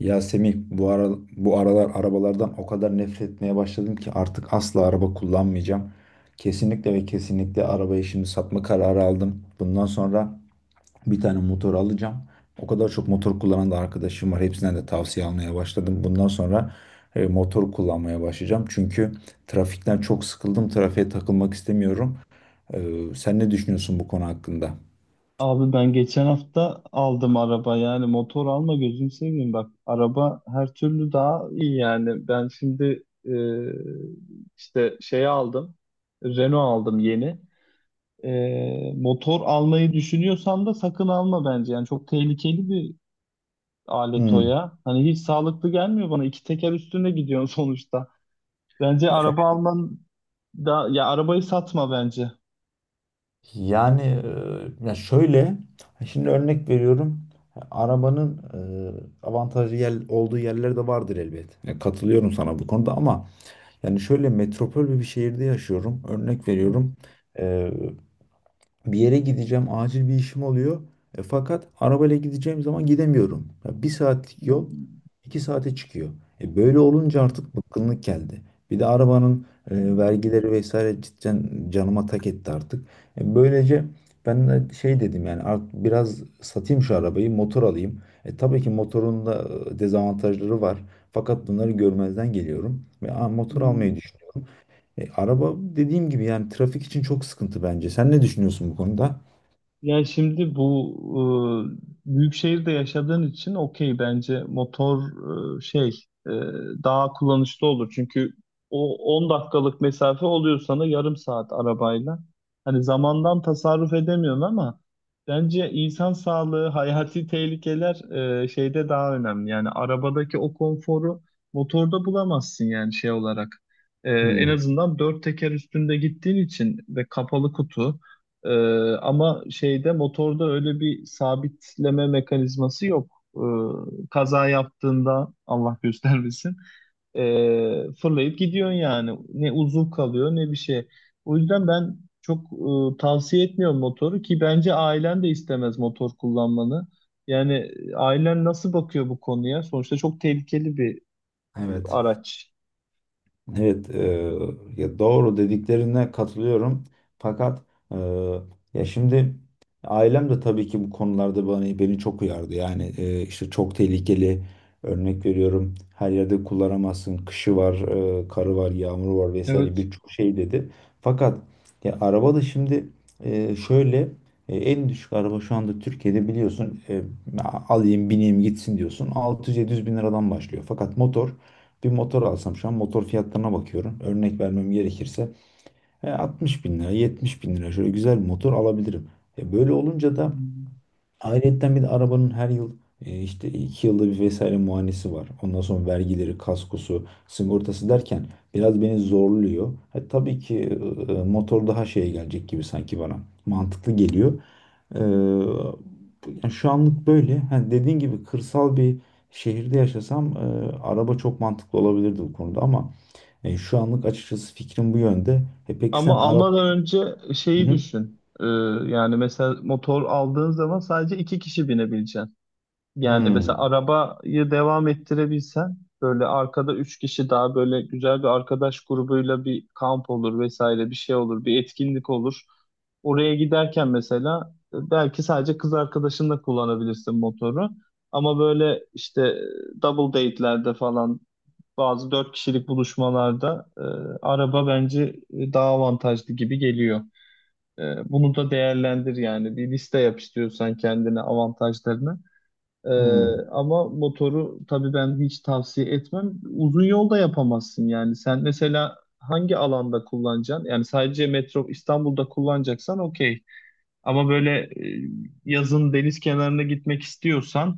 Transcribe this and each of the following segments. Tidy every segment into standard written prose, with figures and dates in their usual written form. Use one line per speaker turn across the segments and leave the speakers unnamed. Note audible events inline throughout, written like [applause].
Ya Semih bu ara, bu aralar arabalardan o kadar nefret etmeye başladım ki artık asla araba kullanmayacağım. Kesinlikle ve kesinlikle arabayı şimdi satma kararı aldım. Bundan sonra bir tane motor alacağım. O kadar çok motor kullanan da arkadaşım var. Hepsinden de tavsiye almaya başladım. Bundan sonra motor kullanmaya başlayacağım. Çünkü trafikten çok sıkıldım. Trafiğe takılmak istemiyorum. Sen ne düşünüyorsun bu konu hakkında?
Abi, ben geçen hafta aldım araba. Yani motor alma, gözünü seveyim, bak araba her türlü daha iyi. Yani ben şimdi işte şey aldım, Renault aldım yeni. Motor almayı düşünüyorsan da sakın alma bence. Yani çok tehlikeli bir alet o,
Hmm.
ya hani hiç sağlıklı gelmiyor bana, iki teker üstüne gidiyorsun [laughs] sonuçta bence araba alman, da ya arabayı satma bence.
Yani ya şöyle şimdi örnek veriyorum arabanın olduğu yerler de vardır elbet. Ya katılıyorum sana bu konuda ama yani şöyle metropol bir şehirde yaşıyorum. Örnek
Hı,
veriyorum bir yere gideceğim, acil bir işim oluyor. Fakat arabayla gideceğim zaman gidemiyorum. Ya bir
hı,
saatlik yol iki saate çıkıyor. Böyle
hı,
olunca artık bıkkınlık geldi. Bir de arabanın vergileri vesaire cidden canıma tak etti artık. Böylece ben de şey dedim yani artık biraz satayım şu arabayı, motor alayım. Tabii ki motorun da dezavantajları var. Fakat bunları görmezden geliyorum ve motor
hı.
almayı düşünüyorum. Araba dediğim gibi yani trafik için çok sıkıntı bence. Sen ne düşünüyorsun bu konuda?
Yani şimdi bu büyük şehirde yaşadığın için okey, bence motor şey e, daha kullanışlı olur. Çünkü o 10 dakikalık mesafe oluyor sana, yarım saat arabayla. Hani zamandan tasarruf edemiyorsun ama bence insan sağlığı, [laughs] hayati tehlikeler şeyde daha önemli. Yani arabadaki o konforu motorda bulamazsın, yani şey olarak. En
Hmm,
azından dört teker üstünde gittiğin için, ve kapalı kutu. Ama şeyde, motorda öyle bir sabitleme mekanizması yok. Kaza yaptığında Allah göstermesin, fırlayıp gidiyorsun yani. Ne uzuv kalıyor ne bir şey. O yüzden ben çok tavsiye etmiyorum motoru, ki bence ailen de istemez motor kullanmanı. Yani ailen nasıl bakıyor bu konuya? Sonuçta çok tehlikeli bir
evet.
araç.
Evet, ya doğru dediklerine katılıyorum. Fakat e, ya şimdi ailem de tabii ki bu konularda beni çok uyardı. Yani işte çok tehlikeli. Örnek veriyorum, her yerde kullanamazsın. Kışı var, karı var, yağmuru var vesaire
Evet.
birçok şey dedi. Fakat ya araba da şimdi şöyle en düşük araba şu anda Türkiye'de biliyorsun, alayım bineyim gitsin diyorsun. 600-700 bin liradan başlıyor. Fakat motor, bir motor alsam şu an motor fiyatlarına bakıyorum. Örnek vermem gerekirse 60 bin lira, 70 bin lira şöyle güzel bir motor alabilirim. Böyle olunca da ayrıyetten bir de arabanın her yıl işte 2 yılda bir vesaire muayenesi var. Ondan sonra vergileri, kaskosu, sigortası derken biraz beni zorluyor. Tabii ki motor daha şeye gelecek gibi sanki bana mantıklı geliyor. E, yani şu anlık böyle. Ha, dediğin gibi kırsal bir şehirde yaşasam araba çok mantıklı olabilirdi bu konuda ama şu anlık açıkçası fikrim bu yönde. Peki
Ama
sen araba...
almadan önce
Hı
şeyi
hı.
düşün. Yani mesela motor aldığın zaman sadece iki kişi binebileceksin. Yani mesela
Hmm.
arabayı devam ettirebilsen, böyle arkada üç kişi daha, böyle güzel bir arkadaş grubuyla bir kamp olur vesaire, bir şey olur, bir etkinlik olur. Oraya giderken mesela belki sadece kız arkadaşınla kullanabilirsin motoru. Ama böyle işte double date'lerde falan, bazı dört kişilik buluşmalarda araba bence daha avantajlı gibi geliyor. E, Bunu da değerlendir, yani bir liste yap istiyorsan kendine avantajlarını. E,
Hmm.
Ama motoru tabii ben hiç tavsiye etmem. Uzun yolda yapamazsın yani. Sen mesela hangi alanda kullanacaksın? Yani sadece metro İstanbul'da kullanacaksan okey. Ama böyle yazın deniz kenarına gitmek istiyorsan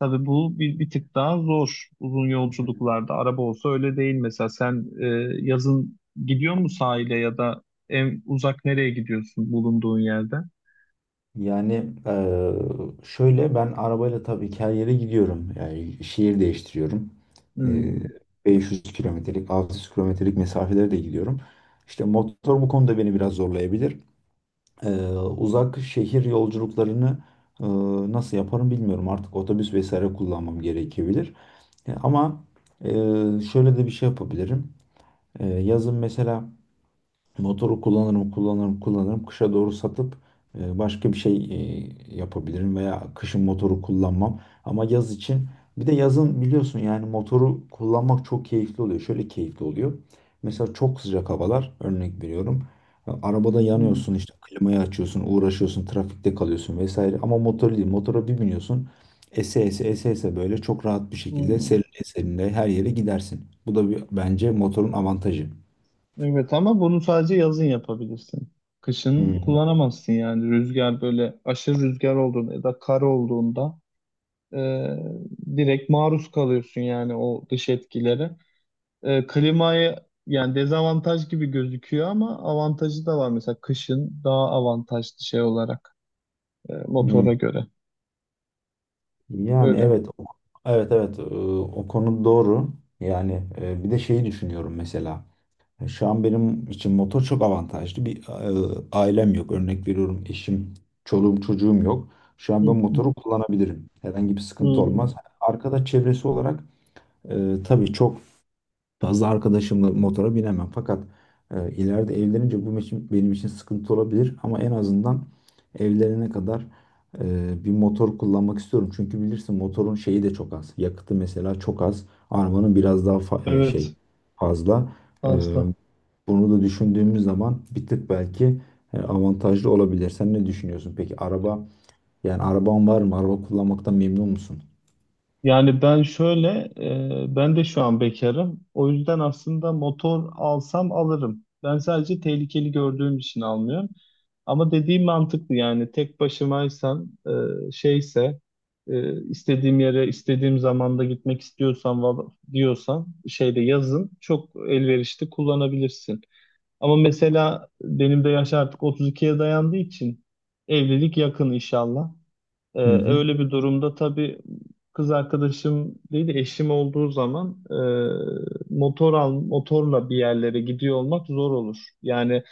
tabii, bu bir tık daha zor, uzun yolculuklarda. Araba olsa öyle değil mesela. Sen yazın gidiyor mu sahile, ya da en uzak nereye gidiyorsun bulunduğun yerde?
Yani eee, şöyle ben arabayla tabii ki her yere gidiyorum. Yani şehir değiştiriyorum. Eee,
Hmm,
500 kilometrelik, 600 kilometrelik mesafelere de gidiyorum. İşte motor bu konuda beni biraz zorlayabilir. Uzak şehir yolculuklarını eee, nasıl yaparım bilmiyorum. Artık otobüs vesaire kullanmam gerekebilir. Ama eee, şöyle de bir şey yapabilirim. Yazın mesela motoru kullanırım, kullanırım, kullanırım. Kışa doğru satıp başka bir şey yapabilirim veya kışın motoru kullanmam. Ama yaz için, bir de yazın biliyorsun yani motoru kullanmak çok keyifli oluyor. Şöyle keyifli oluyor. Mesela çok sıcak havalar örnek veriyorum. Ya, arabada
hmm,
yanıyorsun işte klimayı açıyorsun, uğraşıyorsun, trafikte kalıyorsun vesaire. Ama motor değil. Motora bir biniyorsun. Ese ese ese ese böyle çok rahat bir şekilde
hmm.
serinle serinle her yere gidersin. Bu da bir, bence motorun avantajı.
Evet, ama bunu sadece yazın yapabilirsin. Kışın
Hmm.
kullanamazsın yani, rüzgar, böyle aşırı rüzgar olduğunda ya da kar olduğunda e, direkt maruz kalıyorsun yani o dış etkilere. Klimayı, yani dezavantaj gibi gözüküyor ama avantajı da var. Mesela kışın daha avantajlı şey olarak,
Hmm.
motora göre.
Yani
Öyle.
evet evet, o konu doğru. Yani bir de şeyi düşünüyorum mesela. Şu an benim için motor çok avantajlı. Bir, ailem yok. Örnek veriyorum eşim, çoluğum, çocuğum yok. Şu
Hı
an ben
hı.
motoru kullanabilirim. Herhangi bir sıkıntı
Hı.
olmaz. Arkada çevresi olarak tabii çok fazla arkadaşımla motora binemem. Fakat ileride evlenince benim için sıkıntı olabilir. Ama en azından evlenene kadar bir motor kullanmak istiyorum. Çünkü bilirsin motorun şeyi de çok az. Yakıtı mesela çok az. Arabanın biraz daha şey
Evet.
fazla. E,
Fazla.
bunu da düşündüğümüz zaman bir tık belki avantajlı olabilir. Sen ne düşünüyorsun? Peki araba, yani araban var mı? Araba kullanmaktan memnun musun?
Yani ben şöyle, ben de şu an bekarım. O yüzden aslında motor alsam alırım. Ben sadece tehlikeli gördüğüm için almıyorum. Ama dediğim mantıklı, yani tek başımaysam, şeyse, istediğim yere, istediğim zamanda gitmek istiyorsan, diyorsan, şeyde yazın çok elverişli kullanabilirsin. Ama mesela benim de yaş artık 32'ye dayandığı için, evlilik yakın inşallah.
Hı hı.
Öyle bir durumda tabii, kız arkadaşım değil de eşim olduğu zaman, motorla bir yerlere gidiyor olmak zor olur. Yani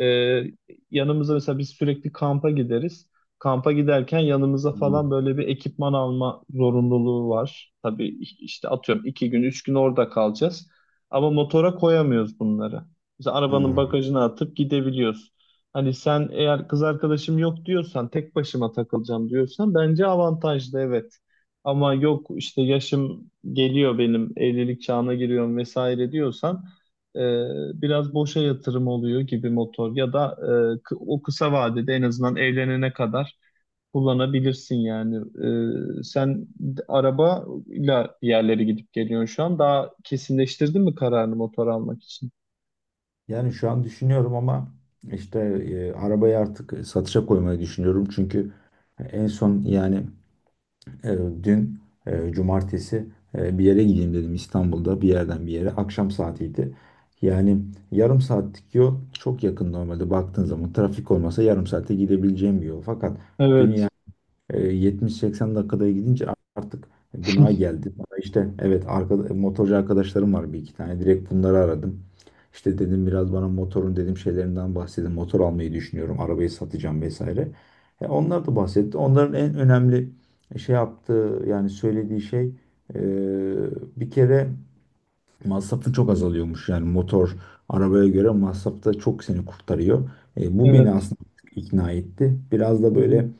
ee, yanımıza mesela biz sürekli kampa gideriz. Kampa giderken yanımıza
Hmm.
falan böyle bir ekipman alma zorunluluğu var. Tabii işte atıyorum 2 gün, 3 gün orada kalacağız. Ama motora koyamıyoruz bunları. Mesela arabanın
Ha.
bagajına atıp gidebiliyoruz. Hani sen eğer kız arkadaşım yok diyorsan, tek başıma takılacağım diyorsan bence avantajlı, evet. Ama yok, işte yaşım geliyor benim, evlilik çağına giriyorum vesaire diyorsan, e, biraz boşa yatırım oluyor gibi motor. Ya da o kısa vadede, en azından evlenene kadar kullanabilirsin yani. Sen arabayla bir yerlere gidip geliyorsun şu an. Daha kesinleştirdin mi kararını motor almak için?
Yani şu an düşünüyorum ama işte arabayı artık satışa koymayı düşünüyorum. Çünkü en son yani dün cumartesi bir yere gideyim dedim İstanbul'da bir yerden bir yere. Akşam saatiydi. Yani yarım saatlik yol çok yakın, normalde baktığın zaman trafik olmasa yarım saate gidebileceğim bir yol. Fakat dün
Evet,
70-80 dakikada gidince artık gına geldi. Bana işte evet, motorcu arkadaşlarım var bir iki tane. Direkt bunları aradım. İşte dedim biraz bana motorun dedim şeylerinden bahsedin. Motor almayı düşünüyorum. Arabayı satacağım vesaire. Onlar da bahsetti. Onların en önemli şey yaptığı yani söylediği şey, e, bir kere masrafı çok azalıyormuş. Yani motor arabaya göre masrafta çok seni kurtarıyor. Bu beni
evet.
aslında ikna etti. Biraz da
Hı
böyle
hı,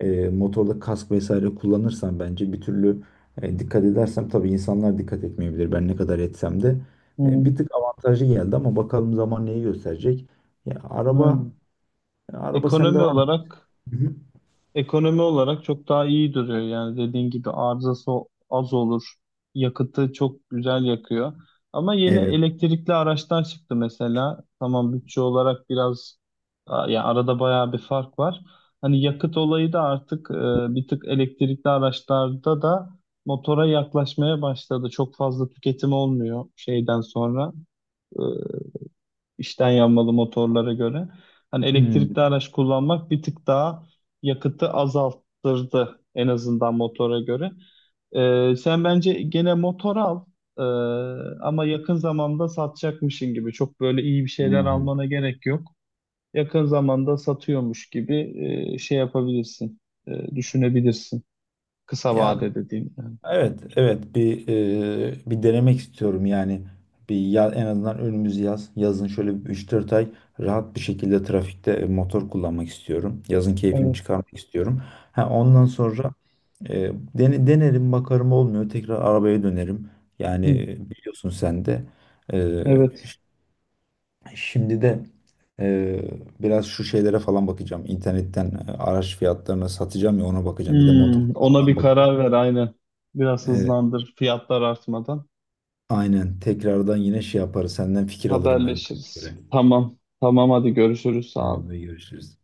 motorda kask vesaire kullanırsam bence bir türlü dikkat edersem, tabii insanlar dikkat etmeyebilir. Ben ne kadar etsem de
hı hı.
bir tık avantajı geldi ama bakalım zaman neyi gösterecek. Ya,
Aynen.
araba sende
Ekonomi
var mı?
olarak.
Hı hı.
Ekonomi olarak çok daha iyi duruyor, yani dediğin gibi arızası az olur. Yakıtı çok güzel yakıyor. Ama yeni
Evet.
elektrikli araçlar çıktı mesela. Tamam, bütçe olarak biraz ya arada bayağı bir fark var. Hani yakıt olayı da artık bir tık elektrikli araçlarda da motora yaklaşmaya başladı. Çok fazla tüketim olmuyor şeyden sonra. E, içten yanmalı motorlara göre. Hani
Hmm.
elektrikli araç kullanmak bir tık daha yakıtı azalttırdı, en azından motora göre. Sen bence gene motor al. Ee, Ama yakın zamanda satacakmışın gibi. Çok böyle iyi bir şeyler
Hmm.
almana gerek yok. Yakın zamanda satıyormuş gibi şey yapabilirsin, düşünebilirsin. Kısa
Ya
vade dediğim yani.
evet, evet, bir bir denemek istiyorum yani. Bir ya, en azından önümüz yaz. Yazın şöyle bir 3-4 ay rahat bir şekilde trafikte motor kullanmak istiyorum. Yazın keyfini
Evet.
çıkarmak istiyorum. Ha, ondan sonra e, denerim bakarım, olmuyor tekrar arabaya dönerim. Yani
Hı.
biliyorsun sen de. E,
Evet.
ş- şimdi de e, biraz şu şeylere falan bakacağım. İnternetten araç fiyatlarına, satacağım ya, ona bakacağım. Bir de motor
Hmm, ona
falan
bir
bakayım.
karar ver aynen. Biraz
E,
hızlandır, fiyatlar artmadan.
Aynen. Tekrardan yine şey yaparız. Senden fikir alırım ben de.
Haberleşiriz. Tamam. Tamam, hadi görüşürüz. Sağ ol.
Tamam, görüşürüz.